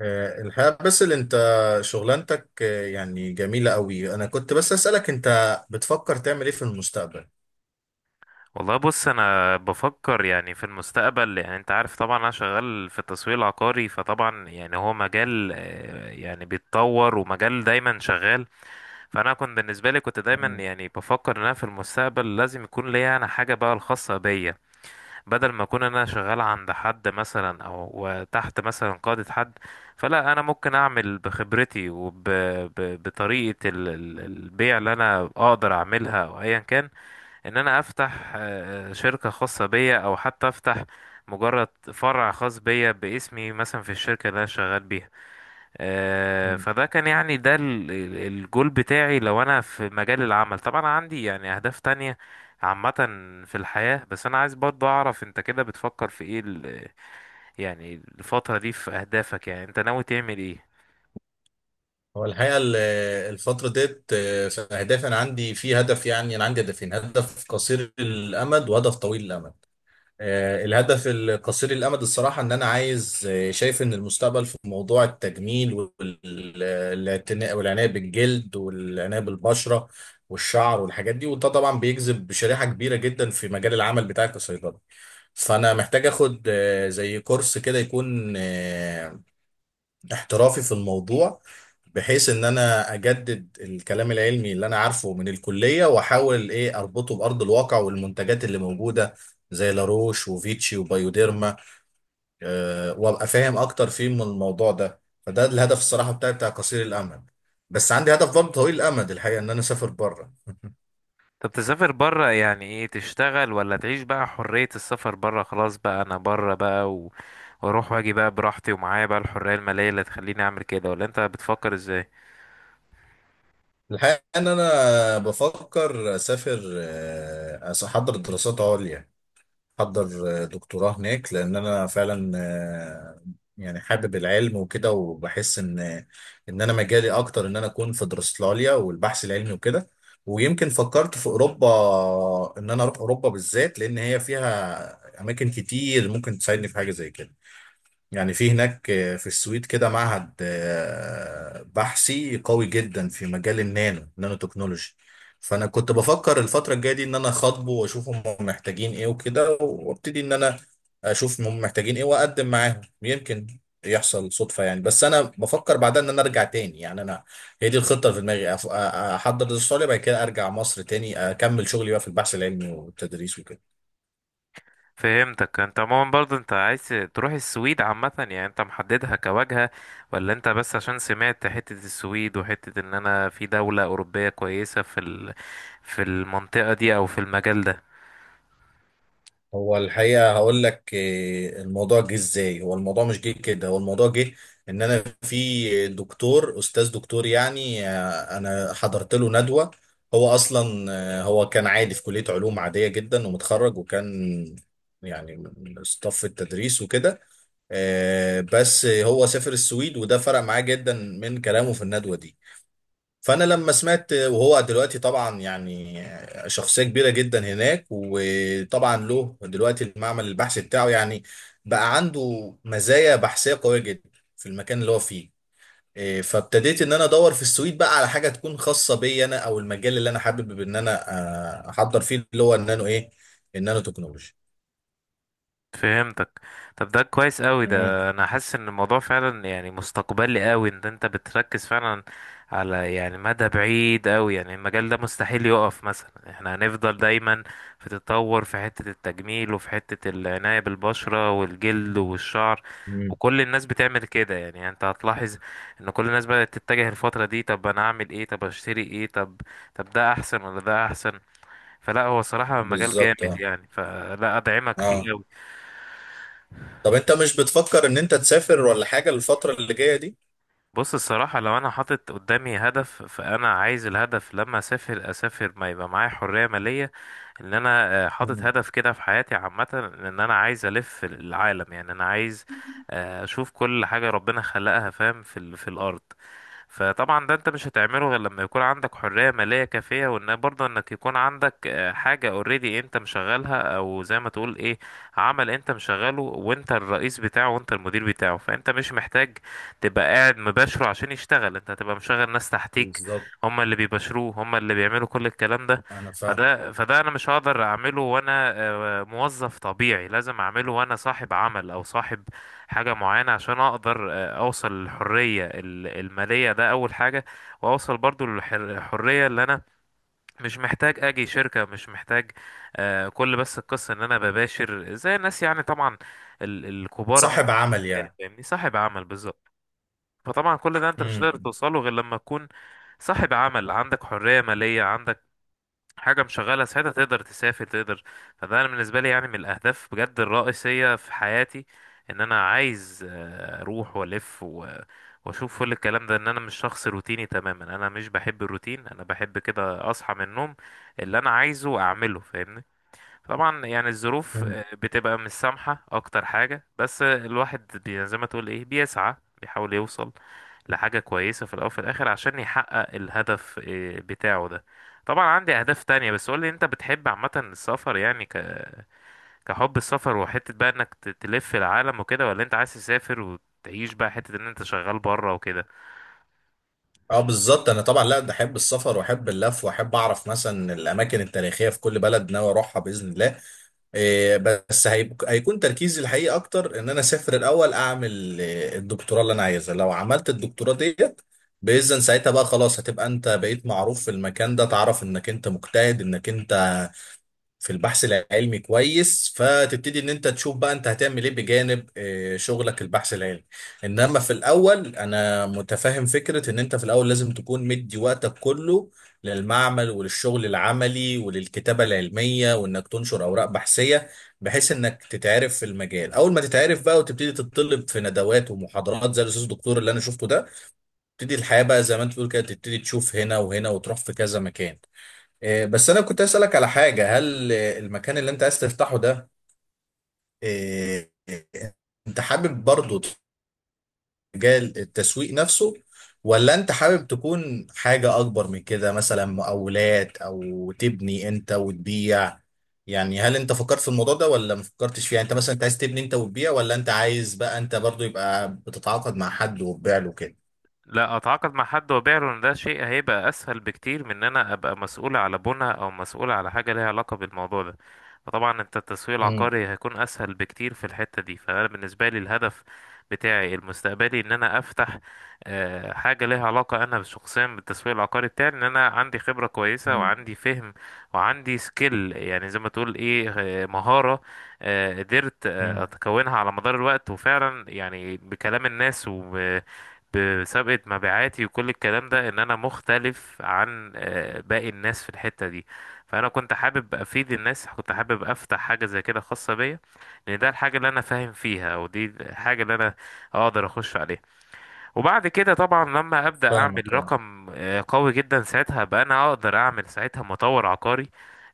الحقيقة بس اللي انت شغلانتك، يعني جميلة قوي. انا كنت بس اسألك، انت بتفكر تعمل ايه في المستقبل؟ والله بص، انا بفكر يعني في المستقبل. يعني انت عارف طبعا انا شغال في التسويق العقاري، فطبعا يعني هو مجال يعني بيتطور ومجال دايما شغال. فانا كنت بالنسبه لي، كنت دايما مم. يعني بفكر ان انا في المستقبل لازم يكون ليا انا حاجه بقى الخاصه بيا. بدل ما اكون انا شغال عند حد مثلا، او تحت مثلا قاده حد. فلا، انا ممكن اعمل بخبرتي وبطريقه البيع اللي انا اقدر اعملها او ايا كان. ان انا افتح شركة خاصة بيا، او حتى افتح مجرد فرع خاص بيا باسمي مثلا في الشركة اللي انا شغال بيها. مم. فده كان يعني ده الجول بتاعي لو انا في مجال العمل. طبعا عندي يعني اهداف تانية عامة في الحياة. بس انا عايز برضه اعرف انت كده بتفكر في ايه يعني الفترة دي في اهدافك. يعني انت ناوي تعمل ايه؟ هو الحقيقة الفترة ديت، في اهدافي، انا عندي في هدف، يعني انا عندي هدفين، هدف قصير الامد وهدف طويل الامد. الهدف القصير الأمد، الصراحة إن أنا عايز، شايف إن المستقبل في موضوع التجميل والاعتناء والعناية بالجلد والعناية بالبشرة والشعر والحاجات دي. وده طبعا بيجذب شريحة كبيرة جدا في مجال العمل بتاعي كصيدلي. فأنا محتاج آخد زي كورس كده، يكون احترافي في الموضوع، بحيث ان انا اجدد الكلام العلمي اللي انا عارفه من الكليه، واحاول ايه اربطه بارض الواقع والمنتجات اللي موجوده زي لاروش وفيتشي وبايوديرما. وابقى فاهم اكتر فيه من الموضوع ده. فده الهدف الصراحه بتاعي بتاع قصير الامد. بس عندي هدف برضه طويل الامد، الحقيقه ان انا اسافر بره. طب تسافر برا يعني ايه؟ تشتغل، ولا تعيش بقى حرية السفر، برا خلاص بقى انا برا بقى واروح واجي بقى براحتي، ومعايا بقى الحرية المالية اللي تخليني اعمل كده؟ ولا انت بتفكر ازاي؟ الحقيقه ان انا بفكر اسافر، احضر دراسات عليا، احضر دكتوراه هناك، لان انا فعلا يعني حابب العلم وكده، وبحس ان انا مجالي اكتر، ان انا اكون في دراساليا والبحث العلمي وكده. ويمكن فكرت في اوروبا، ان انا اروح اوروبا بالذات، لان هي فيها اماكن كتير ممكن تساعدني في حاجه زي كده. يعني في هناك، في السويد كده معهد بحثي قوي جدا في مجال نانو تكنولوجي. فانا كنت بفكر الفتره الجايه دي ان انا اخاطبه واشوف هم محتاجين ايه وكده، وابتدي ان انا اشوف هم محتاجين ايه واقدم معاهم، يمكن يحصل صدفه، يعني بس انا بفكر بعدها ان انا ارجع تاني. يعني انا، هي دي الخطه اللي في دماغي، احضر الاستراليا، بعد كده ارجع مصر تاني اكمل شغلي بقى في البحث العلمي والتدريس وكده. فهمتك. انت عموما برضه انت عايز تروح السويد عامة؟ يعني انت محددها كواجهة؟ ولا انت بس عشان سمعت حتة السويد، وحتة ان انا في دولة اوروبية كويسة في المنطقة دي، او في المجال ده؟ هو الحقيقة هقول لك، الموضوع جه ازاي؟ هو الموضوع مش جه كده، هو الموضوع جه ان انا في دكتور، استاذ دكتور يعني، انا حضرت له ندوة. هو اصلا هو كان عادي في كلية علوم عادية جدا ومتخرج، وكان يعني من صف التدريس وكده. بس هو سافر السويد، وده فرق معاه جدا من كلامه في الندوة دي. فانا لما سمعت، وهو دلوقتي طبعا يعني شخصيه كبيره جدا هناك، وطبعا له دلوقتي المعمل البحثي بتاعه، يعني بقى عنده مزايا بحثيه قويه جدا في المكان اللي هو فيه. إيه، فابتديت ان انا ادور في السويد بقى على حاجه تكون خاصه بي انا، او المجال اللي انا حابب ان انا احضر فيه، اللي هو النانو ايه، النانو تكنولوجي. فهمتك. طب ده كويس قوي. مم. ده انا حاسس ان الموضوع فعلا يعني مستقبلي قوي، ان انت بتركز فعلا على يعني مدى بعيد قوي. يعني المجال ده مستحيل يقف، مثلا احنا هنفضل دايما في تطور في حتة التجميل وفي حتة العناية بالبشرة والجلد والشعر. مم. وكل الناس بتعمل كده. يعني انت هتلاحظ ان كل الناس بدأت تتجه الفترة دي، طب انا اعمل ايه، طب اشتري ايه، طب ده احسن ولا ده احسن؟ فلا، هو صراحة مجال بالظبط. جامد اه. يعني. فلا، ادعمك اه. فيه قوي. طب انت مش بتفكر ان انت تسافر ولا حاجه الفتره اللي جايه دي؟ بص، الصراحة لو أنا حاطط قدامي هدف، فأنا عايز الهدف لما أسافر، أسافر ما يبقى معايا حرية مالية. إن أنا حاطط مم. هدف كده في حياتي عامة. إن أنا عايز ألف العالم، يعني أنا عايز أشوف كل حاجة ربنا خلقها، فاهم، في الأرض. فطبعا ده انت مش هتعمله غير لما يكون عندك حرية مالية كافية، وان برضه انك يكون عندك حاجة اوريدي انت مشغلها، او زي ما تقول ايه، عمل انت مشغله وانت الرئيس بتاعه وانت المدير بتاعه. فانت مش محتاج تبقى قاعد مباشره عشان يشتغل، انت هتبقى مشغل ناس تحتيك. بالظبط. هم اللي بيباشروه، هم اللي بيعملوا كل الكلام ده. انا فاهم. فده انا مش هقدر اعمله وانا موظف طبيعي. لازم اعمله وانا صاحب عمل، او صاحب حاجة معينة، عشان اقدر اوصل للحرية المالية. ده اول حاجة. واوصل برضو للحرية، اللي انا مش محتاج اجي شركة، مش محتاج، كل بس القصة ان انا بباشر زي الناس يعني، طبعا الكبار أوي. صاحب عمل يعني يعني. فاهمني، صاحب عمل بالظبط. فطبعا كل ده انت مش هتقدر امم. توصله غير لما تكون صاحب عمل، عندك حرية مالية، عندك حاجة مشغلة. ساعتها تقدر تسافر، تقدر. فده أنا بالنسبة لي يعني من الأهداف بجد الرئيسية في حياتي، إن أنا عايز أروح وألف وأشوف كل الكلام ده. إن أنا مش شخص روتيني تماما، أنا مش بحب الروتين. أنا بحب كده أصحى من النوم اللي أنا عايزه أعمله، فاهمني. طبعا يعني الظروف مم. بتبقى مش سامحة اكتر حاجة، بس الواحد زي ما تقول ايه بيسعى، بيحاول يوصل لحاجة كويسة في الاول وفي الاخر، عشان يحقق الهدف بتاعه ده. طبعا عندي اهداف تانية. بس قولي، انت بتحب عامة السفر؟ يعني كحب السفر، وحتة بقى انك تلف العالم وكده؟ ولا انت عايز تسافر وتعيش بقى حتة ان انت شغال بره وكده؟ اه، بالظبط. انا طبعا لا، ده احب السفر واحب اللف، واحب اعرف مثلا الاماكن التاريخيه في كل بلد ناوي اروحها باذن الله. إيه، بس هيكون تركيزي الحقيقي اكتر ان انا اسافر الاول، اعمل إيه، الدكتوراه اللي انا عايزها. لو عملت الدكتوراه ديت باذن، ساعتها بقى خلاص، هتبقى انت بقيت معروف في المكان ده، تعرف انك انت مجتهد، انك انت في البحث العلمي كويس، فتبتدي ان انت تشوف بقى انت هتعمل ايه بجانب شغلك البحث العلمي. انما في الاول انا متفهم فكرة ان انت في الاول لازم تكون مدي وقتك كله للمعمل وللشغل العملي وللكتابة العلمية، وانك تنشر اوراق بحثية، بحيث انك تتعرف في المجال، اول ما تتعرف بقى، وتبتدي تتطلب في ندوات ومحاضرات زي الاستاذ الدكتور اللي انا شفته ده. تبتدي الحياة بقى زي ما انت بتقول كده، تبتدي تشوف هنا وهنا، وتروح في كذا مكان. إيه، بس انا كنت اسالك على حاجه، هل إيه، المكان اللي انت عايز تفتحه ده، إيه، انت حابب برضه تجاه التسويق نفسه، ولا انت حابب تكون حاجه اكبر من كده، مثلا مقاولات، او تبني انت وتبيع؟ يعني هل انت فكرت في الموضوع ده ولا ما فكرتش فيه؟ يعني انت مثلا انت عايز تبني انت وتبيع، ولا انت عايز بقى انت برضه يبقى بتتعاقد مع حد وتبيع له كده؟ لا، اتعاقد مع حد وابيع له. ان ده شيء هيبقى اسهل بكتير من ان انا ابقى مسؤول على بنى، او مسؤول على حاجه ليها علاقه بالموضوع ده. فطبعا انت التسويق امم. العقاري هيكون اسهل بكتير في الحته دي. فانا بالنسبه لي الهدف بتاعي المستقبلي ان انا افتح حاجه ليها علاقه انا شخصيا بالتسويق العقاري بتاعي، ان انا عندي خبره كويسه وعندي فهم وعندي سكيل، يعني زي ما تقول ايه مهاره، قدرت امم. اتكونها على مدار الوقت. وفعلا يعني بكلام الناس و بسابقة مبيعاتي وكل الكلام ده، ان انا مختلف عن باقي الناس في الحتة دي. فانا كنت حابب افيد الناس، كنت حابب افتح حاجة زي كده خاصة بيا، لان ده الحاجة اللي انا فاهم فيها، او دي الحاجة اللي انا اقدر اخش عليها. وبعد كده طبعا لما ابدا فاهمك. اعمل اه. رقم قوي جدا، ساعتها بقى انا اقدر اعمل ساعتها مطور عقاري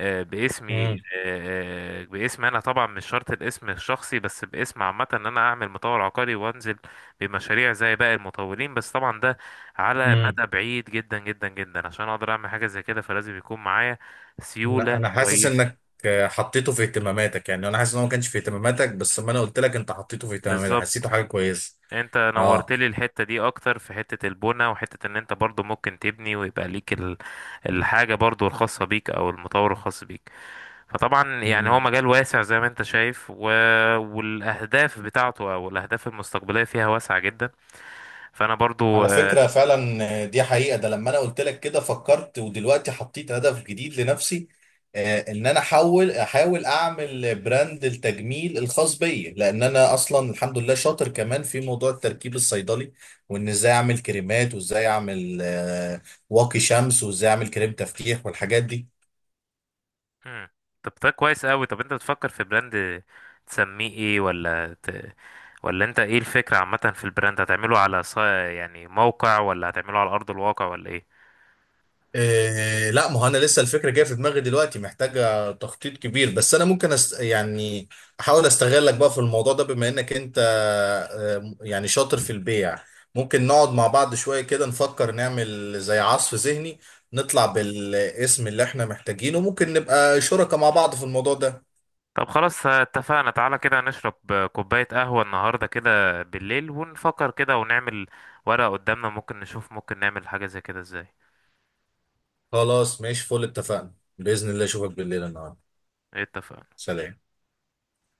باسمي. باسم انا طبعا، مش شرط الاسم الشخصي، بس باسم عامه ان انا اعمل مطور عقاري وانزل بمشاريع زي باقي المطورين. بس طبعا ده على امم. مدى بعيد جدا جدا جدا عشان اقدر اعمل حاجه زي كده، فلازم يكون معايا انا سيوله أنا حاسس كويسه. انك حطيته في اهتماماتك، يعني انا حاسس ان هو ما كانش في اهتماماتك، بس لما انا قلت لك انت حطيته في اهتماماتك، بالظبط. حسيته حاجه كويسه. انت اه. نورت لي الحتة دي اكتر في حتة البنى، وحتة ان انت برضو ممكن تبني ويبقى ليك الحاجة برضو الخاصة بيك، او المطور الخاص بيك. فطبعا يعني مم. هو مجال واسع زي ما انت شايف والاهداف بتاعته، او الاهداف المستقبلية فيها واسعة جدا. فانا برضو على فكره فعلا، دي حقيقه. ده لما انا قلت لك كده فكرت، ودلوقتي حطيت هدف جديد لنفسي، ان انا احاول اعمل براند التجميل الخاص بي، لان انا اصلا الحمد لله شاطر كمان في موضوع التركيب الصيدلي، وان ازاي اعمل كريمات، وازاي اعمل واقي شمس، وازاي اعمل كريم تفتيح والحاجات دي. مم. طب ده كويس قوي. طب انت بتفكر في براند تسميه ايه ولا انت ايه الفكرة عامة في البراند؟ هتعمله على يعني موقع، ولا هتعمله على ارض الواقع، ولا ايه؟ إيه لا، ما هو انا لسه الفكره جايه في دماغي دلوقتي، محتاجه تخطيط كبير، بس انا ممكن يعني احاول استغلك بقى في الموضوع ده، بما انك انت يعني شاطر في البيع. ممكن نقعد مع بعض شويه كده نفكر، نعمل زي عصف ذهني، نطلع بالاسم اللي احنا محتاجينه، ممكن نبقى شركاء مع بعض في الموضوع ده. طب خلاص اتفقنا. تعالى كده نشرب كوباية قهوة النهاردة كده بالليل، ونفكر كده ونعمل ورقة قدامنا، ممكن نشوف ممكن نعمل حاجة زي كده ازاي. خلاص ماشي، فل اتفقنا باذن الله، اشوفك بالليل النهارده. إيه، اتفقنا. سلام.